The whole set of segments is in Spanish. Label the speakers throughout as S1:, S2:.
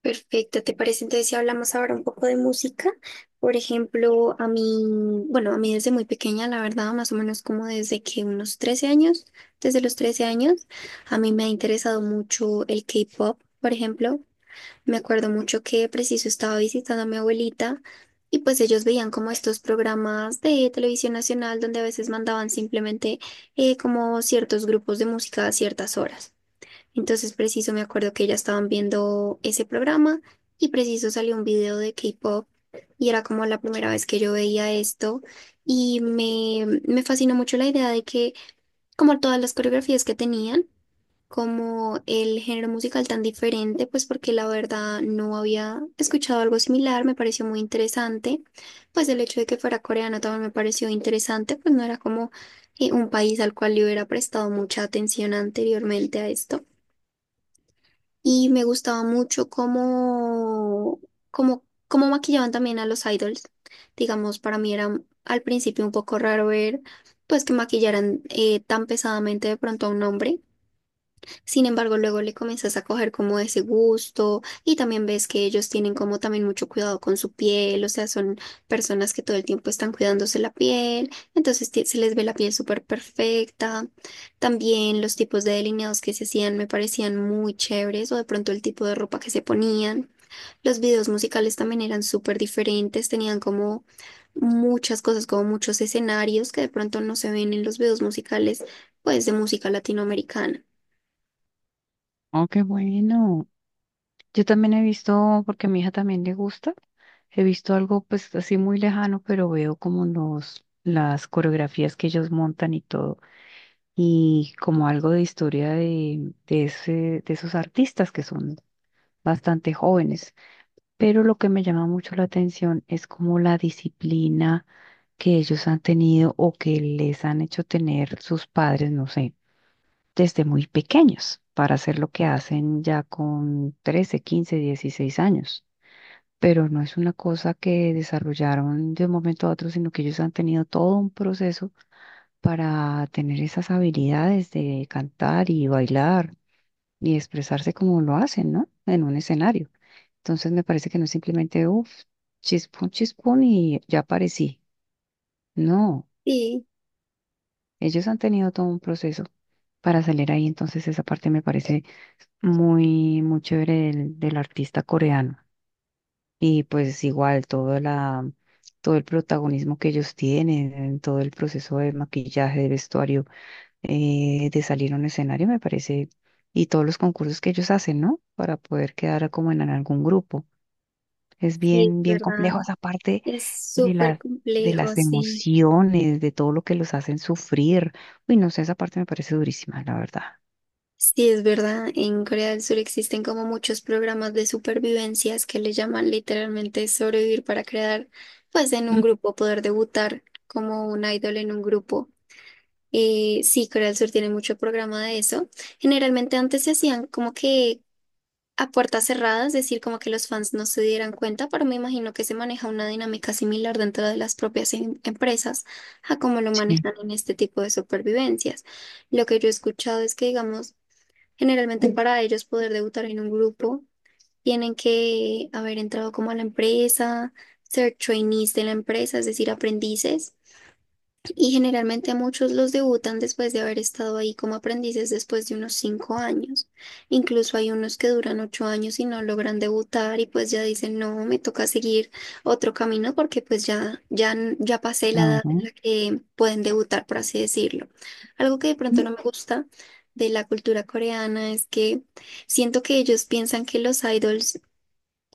S1: Perfecto, ¿te parece entonces si hablamos ahora un poco de música? Por ejemplo, a mí, bueno, a mí desde muy pequeña, la verdad, más o menos como desde que unos 13 años, desde los 13 años, a mí me ha interesado mucho el K-pop, por ejemplo. Me acuerdo mucho que preciso estaba visitando a mi abuelita y pues ellos veían como estos programas de televisión nacional donde a veces mandaban simplemente como ciertos grupos de música a ciertas horas. Entonces, preciso, me acuerdo que ya estaban viendo ese programa y preciso salió un video de K-pop y era como la primera vez que yo veía esto y me fascinó mucho la idea de que como todas las coreografías que tenían, como el género musical tan diferente, pues porque la verdad no había escuchado algo similar, me pareció muy interesante, pues el hecho de que fuera coreano también me pareció interesante, pues no era como un país al cual yo hubiera prestado mucha atención anteriormente a esto y me gustaba mucho cómo maquillaban también a los idols. Digamos, para mí era al principio un poco raro ver pues que maquillaran tan pesadamente de pronto a un hombre. Sin embargo, luego le comienzas a coger como ese gusto y también ves que ellos tienen como también mucho cuidado con su piel, o sea, son personas que todo el tiempo están cuidándose la piel, entonces se les ve la piel súper perfecta. También los tipos de delineados que se hacían me parecían muy chéveres o de pronto el tipo de ropa que se ponían. Los videos musicales también eran súper diferentes, tenían como muchas cosas, como muchos escenarios que de pronto no se ven en los videos musicales, pues de música latinoamericana.
S2: Oh, qué bueno. Yo también he visto, porque a mi hija también le gusta, he visto algo pues así muy lejano, pero veo como las coreografías que ellos montan y todo, y como algo de historia de ese, de esos artistas que son bastante jóvenes. Pero lo que me llama mucho la atención es como la disciplina que ellos han tenido o que les han hecho tener sus padres, no sé desde muy pequeños para hacer lo que hacen ya con 13, 15, 16 años. Pero no es una cosa que desarrollaron de un momento a otro, sino que ellos han tenido todo un proceso para tener esas habilidades de cantar y bailar y expresarse como lo hacen, ¿no?, en un escenario. Entonces me parece que no es simplemente, uff, chispón, chispón y ya aparecí. No,
S1: Sí.
S2: ellos han tenido todo un proceso para salir ahí, entonces esa parte me parece muy, muy chévere del, del artista coreano. Y pues igual todo la, todo el protagonismo que ellos tienen, en todo el proceso de maquillaje, de vestuario, de salir a un escenario, me parece, y todos los concursos que ellos hacen, ¿no?, para poder quedar como en algún grupo. Es
S1: Sí, es
S2: bien, bien
S1: verdad.
S2: complejo esa parte
S1: Es
S2: de
S1: súper
S2: las, de
S1: complejo,
S2: las
S1: sí.
S2: emociones, de todo lo que los hacen sufrir. Uy, no sé, esa parte me parece durísima, la verdad.
S1: Sí, es verdad. En Corea del Sur existen como muchos programas de supervivencias que le llaman literalmente sobrevivir para crear, pues en un
S2: Mm,
S1: grupo, poder debutar como un idol en un grupo. Sí, Corea del Sur tiene mucho programa de eso. Generalmente antes se hacían como que a puertas cerradas, es decir, como que los fans no se dieran cuenta, pero me imagino que se maneja una dinámica similar dentro de las propias empresas a cómo lo
S2: sí,
S1: manejan en este tipo de supervivencias. Lo que yo he escuchado es que, digamos, generalmente para ellos poder debutar en un grupo, tienen que haber entrado como a la empresa, ser trainees de la empresa, es decir, aprendices. Y generalmente muchos los debutan después de haber estado ahí como aprendices después de unos 5 años. Incluso hay unos que duran 8 años y no logran debutar y pues ya dicen, no, me toca seguir otro camino porque pues ya pasé la edad en la que pueden debutar, por así decirlo. Algo que de pronto no me gusta de la cultura coreana es que siento que ellos piensan que los idols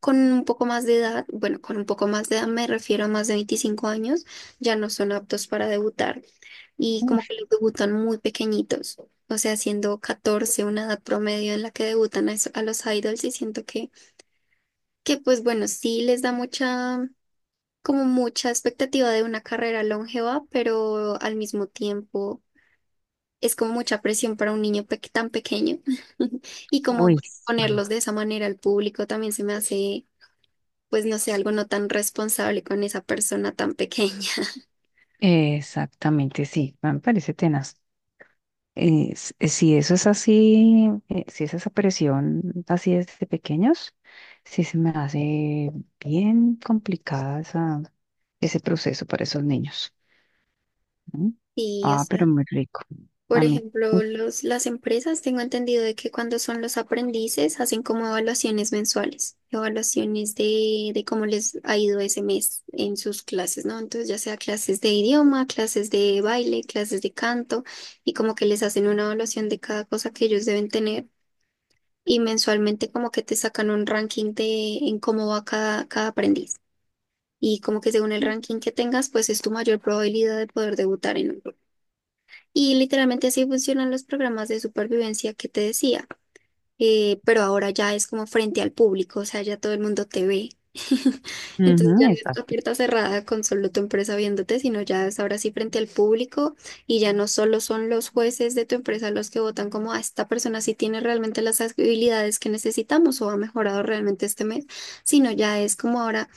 S1: con un poco más de edad, bueno, con un poco más de edad me refiero a más de 25 años, ya no son aptos para debutar y como que
S2: claro.
S1: los debutan muy pequeñitos, o sea, siendo 14 una edad promedio en la que debutan a los idols y siento que pues bueno, sí les da mucha, como mucha expectativa de una carrera longeva, pero al mismo tiempo es como mucha presión para un niño tan pequeño y como
S2: Uy, sí.
S1: ponerlos de esa manera al público también se me hace, pues no sé, algo no tan responsable con esa persona tan pequeña.
S2: Exactamente, sí, me parece tenaz. Si eso es así, si es esa presión así desde pequeños, sí se me hace bien complicada esa, ese proceso para esos niños. ¿No?
S1: Sí, o
S2: Ah, pero muy rico.
S1: por
S2: A mí,
S1: ejemplo, las empresas, tengo entendido de que cuando son los aprendices hacen como evaluaciones mensuales, evaluaciones de cómo les ha ido ese mes en sus clases, ¿no? Entonces, ya sea clases de idioma, clases de baile, clases de canto, y como que les hacen una evaluación de cada cosa que ellos deben tener, y mensualmente como que te sacan un ranking de en cómo va cada aprendiz. Y como que según el ranking que tengas, pues es tu mayor probabilidad de poder debutar en un y literalmente así funcionan los programas de supervivencia que te decía, pero ahora ya es como frente al público, o sea, ya todo el mundo te ve. Entonces ya
S2: ujú,
S1: no es la
S2: exacto.
S1: puerta cerrada con solo tu empresa viéndote, sino ya es ahora sí frente al público y ya no solo son los jueces de tu empresa los que votan como a esta persona sí tiene realmente las habilidades que necesitamos o ha mejorado realmente este mes, sino ya es como ahora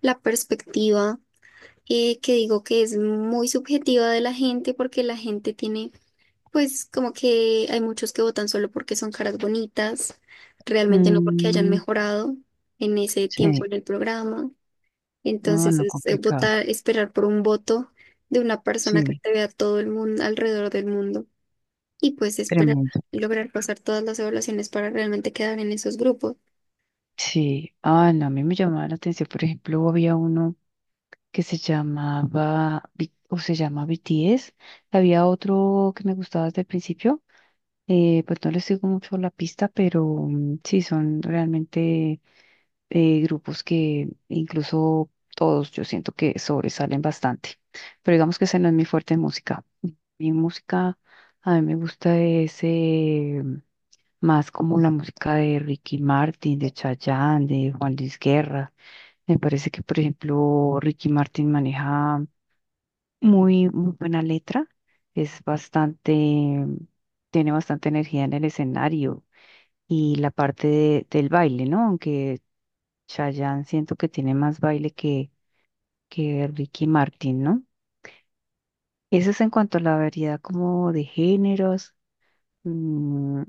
S1: la perspectiva que digo que es muy subjetiva de la gente porque la gente tiene pues como que hay muchos que votan solo porque son caras bonitas, realmente no porque hayan
S2: Mm,
S1: mejorado en ese tiempo
S2: sí,
S1: en el programa.
S2: no,
S1: Entonces
S2: no
S1: es
S2: complicado.
S1: votar, esperar por un voto de una persona que
S2: Sí,
S1: te vea todo el mundo, alrededor del mundo, y pues esperar
S2: tremendo.
S1: lograr pasar todas las evaluaciones para realmente quedar en esos grupos.
S2: Sí, ah, no, a mí me llamaba la atención, por ejemplo, había uno que se llamaba o se llama BTS. Había otro que me gustaba desde el principio. Pues no les sigo mucho la pista, pero mm, sí, son realmente, grupos que incluso todos yo siento que sobresalen bastante. Pero digamos que ese no es mi fuerte en música. Mi música, a mí me gusta ese más como la música de Ricky Martin, de Chayanne, de Juan Luis Guerra. Me parece que, por ejemplo, Ricky Martin maneja muy, muy buena letra, es bastante, tiene bastante energía en el escenario y la parte del baile, ¿no? Aunque Chayanne siento que tiene más baile que Ricky Martin, ¿no? Eso es en cuanto a la variedad como de géneros, mm,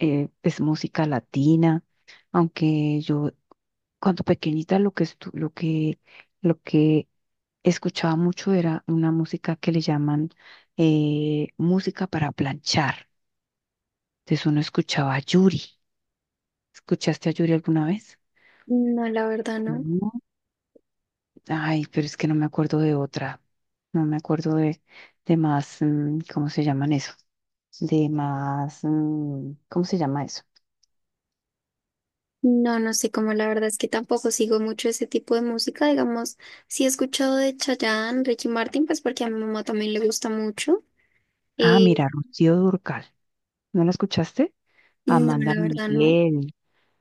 S2: es música latina, aunque yo cuando pequeñita lo que lo que escuchaba mucho era una música que le llaman, música para planchar. Entonces uno escuchaba a Yuri. ¿Escuchaste a Yuri alguna vez?
S1: No, la verdad no.
S2: No. Ay, pero es que no me acuerdo de otra. No me acuerdo de más, mm, ¿cómo se llaman eso? De más, mm, ¿cómo se llama eso?
S1: No, no sé cómo, la verdad es que tampoco sigo mucho ese tipo de música, digamos, sí he escuchado de Chayanne, Ricky Martin, pues porque a mi mamá también le gusta mucho.
S2: Ah,
S1: eh,
S2: mira, Rocío Durcal. ¿No la escuchaste?
S1: No,
S2: Amanda
S1: la verdad no.
S2: Miguel,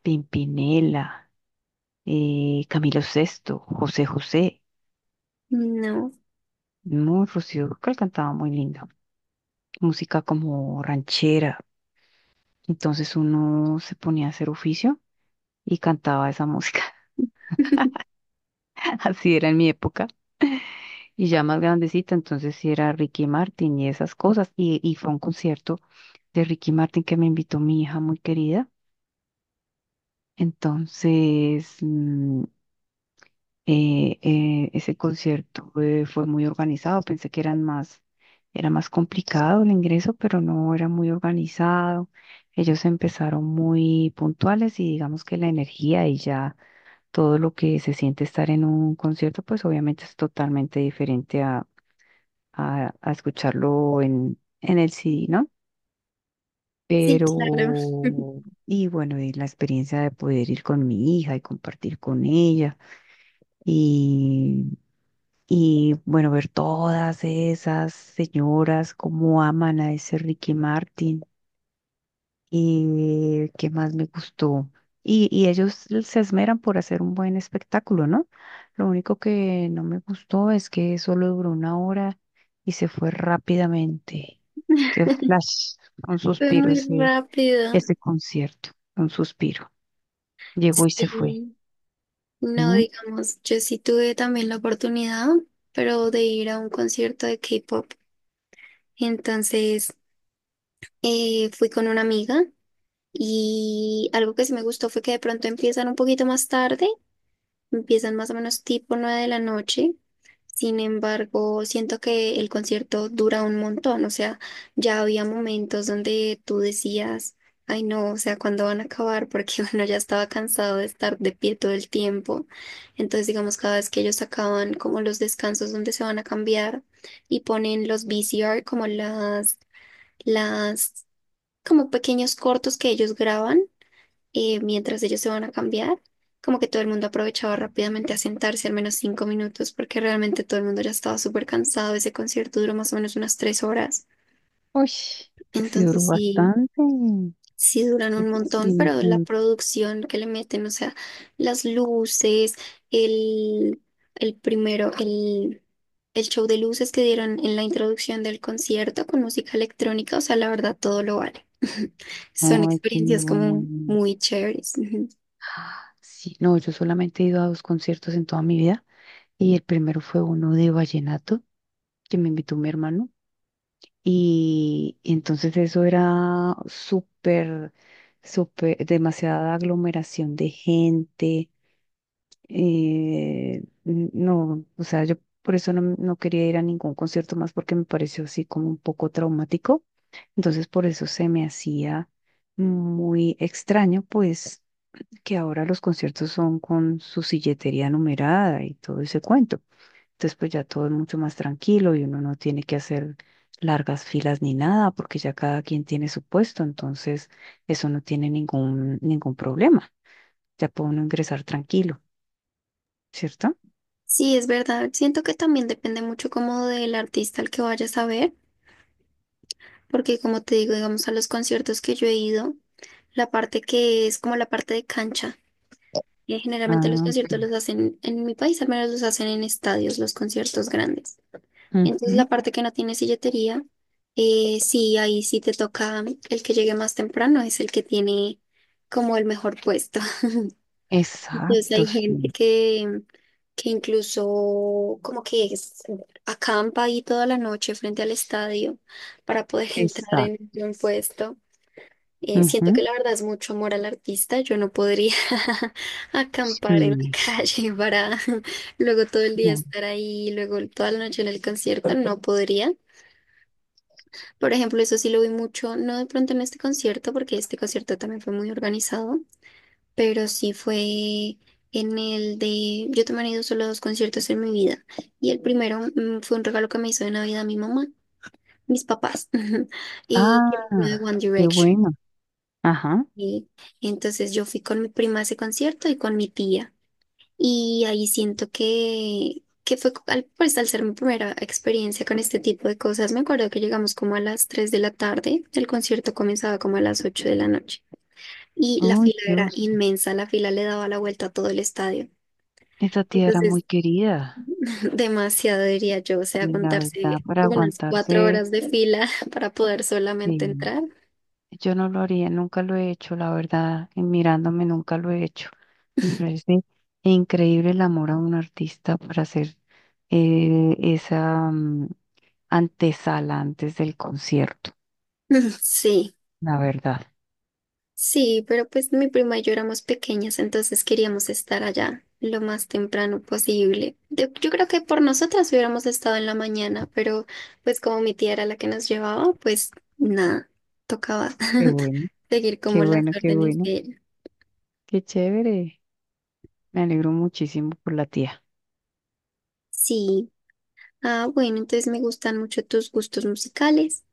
S2: Pimpinela, Camilo Sesto, José José.
S1: No.
S2: No, Rocío Dúrcal cantaba muy lindo. Música como ranchera. Entonces uno se ponía a hacer oficio y cantaba esa música. Así era en mi época. Y ya más grandecita, entonces sí era Ricky Martin y esas cosas. Y fue a un concierto de Ricky Martin que me invitó mi hija muy querida. Entonces, mm, ese concierto, fue muy organizado, pensé que eran más, era más complicado el ingreso, pero no era muy organizado. Ellos empezaron muy puntuales y digamos que la energía y ya todo lo que se siente estar en un concierto, pues obviamente es totalmente diferente a, a escucharlo en el CD, ¿no?
S1: Sí, claro.
S2: Pero, y bueno, y la experiencia de poder ir con mi hija y compartir con ella. Y bueno, ver todas esas señoras cómo aman a ese Ricky Martin y qué más me gustó. Y ellos se esmeran por hacer un buen espectáculo, ¿no? Lo único que no me gustó es que solo duró una hora y se fue rápidamente. Qué flash, un
S1: Fue
S2: suspiro
S1: muy
S2: ese,
S1: rápido.
S2: ese concierto, un suspiro. Llegó y se fue.
S1: Sí. No,
S2: ¿No?
S1: digamos, yo sí tuve también la oportunidad, pero de ir a un concierto de K-pop. Entonces, fui con una amiga y algo que sí me gustó fue que de pronto empiezan un poquito más tarde. Empiezan más o menos tipo 9 de la noche. Sin embargo, siento que el concierto dura un montón. O sea, ya había momentos donde tú decías, ay no, o sea, ¿cuándo van a acabar? Porque uno ya estaba cansado de estar de pie todo el tiempo. Entonces, digamos, cada vez que ellos acaban como los descansos donde se van a cambiar y ponen los VCR como las, como pequeños cortos que ellos graban mientras ellos se van a cambiar, como que todo el mundo aprovechaba rápidamente a sentarse al menos 5 minutos, porque realmente todo el mundo ya estaba súper cansado. Ese concierto duró más o menos unas 3 horas.
S2: Uy, ese sí duró
S1: Entonces sí,
S2: bastante.
S1: sí duran un
S2: Ese sí
S1: montón,
S2: no
S1: pero la
S2: fue.
S1: producción que le meten, o sea, las luces, el, el primero, el, el show de luces que dieron en la introducción del concierto con música electrónica, o sea, la verdad todo lo vale. Son
S2: Ay, qué
S1: experiencias
S2: bueno.
S1: como muy chéveres.
S2: Sí, no, yo solamente he ido a dos conciertos en toda mi vida y el primero fue uno de vallenato que me invitó mi hermano y entonces eso era súper, súper, demasiada aglomeración de gente. No, o sea, yo por eso no, no quería ir a ningún concierto más porque me pareció así como un poco traumático. Entonces por eso se me hacía muy extraño, pues que ahora los conciertos son con su silletería numerada y todo ese cuento. Entonces, pues ya todo es mucho más tranquilo y uno no tiene que hacer largas filas ni nada, porque ya cada quien tiene su puesto, entonces eso no tiene ningún, ningún problema. Ya puede uno ingresar tranquilo, ¿cierto?
S1: Sí, es verdad. Siento que también depende mucho como del artista al que vayas a ver, porque como te digo, digamos, a los conciertos que yo he ido, la parte que es como la parte de cancha, y generalmente los
S2: Ah, ok.
S1: conciertos los hacen en mi país, al menos los hacen en estadios, los conciertos grandes. Entonces
S2: Ujú.
S1: la parte que no tiene silletería, sí, ahí sí te toca el que llegue más temprano, es el que tiene como el mejor puesto. Entonces
S2: Exacto,
S1: hay gente
S2: sí,
S1: que incluso como que acampa ahí toda la noche frente al estadio para poder entrar
S2: exacto.
S1: en un puesto. Siento
S2: Ujú,
S1: que la verdad es mucho amor al artista. Yo no podría acampar en la
S2: sí.
S1: calle para luego todo el día
S2: No.
S1: estar ahí, luego toda la noche en el concierto. No podría. Por ejemplo, eso sí lo vi mucho, no de pronto en este concierto, porque este concierto también fue muy organizado, pero sí fue en el de, yo también he ido solo a 2 conciertos en mi vida y el primero fue un regalo que me hizo de Navidad mi mamá, mis papás, y que fue de
S2: Ah,
S1: One
S2: qué
S1: Direction.
S2: bueno. Ajá.
S1: Y entonces yo fui con mi prima a ese concierto y con mi tía y ahí siento que fue pues al ser mi primera experiencia con este tipo de cosas, me acuerdo que llegamos como a las 3 de la tarde, el concierto comenzaba como a las 8 de la noche y la
S2: Oh,
S1: fila era
S2: Dios.
S1: inmensa, la fila le daba la vuelta a todo el estadio.
S2: Esta tía era muy
S1: Entonces,
S2: querida.
S1: demasiado diría yo, o sea,
S2: Y la verdad,
S1: contarse
S2: para
S1: unas cuatro
S2: aguantarse,
S1: horas de fila para poder solamente
S2: eh,
S1: entrar.
S2: yo no lo haría, nunca lo he hecho, la verdad, y mirándome nunca lo he hecho. Me parece increíble el amor a un artista para hacer, esa mm, antesala antes del concierto,
S1: Sí,
S2: la verdad.
S1: sí, pero pues mi prima y yo éramos pequeñas, entonces queríamos estar allá lo más temprano posible. Yo creo que por nosotras hubiéramos estado en la mañana, pero pues como mi tía era la que nos llevaba, pues nada, tocaba
S2: Qué bueno,
S1: seguir como
S2: qué
S1: las
S2: bueno, qué
S1: órdenes
S2: bueno,
S1: de ella.
S2: qué chévere. Me alegro muchísimo por la tía.
S1: Sí. Ah, bueno, entonces me gustan mucho tus gustos musicales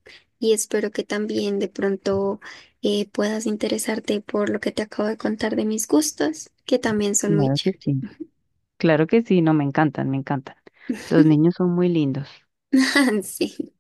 S1: y espero que también de pronto puedas interesarte por lo que te acabo de contar de mis gustos, que también son muy
S2: Claro que
S1: chéveres.
S2: sí, claro que sí, no, me encantan, me encantan. Los niños son muy lindos.
S1: Sí.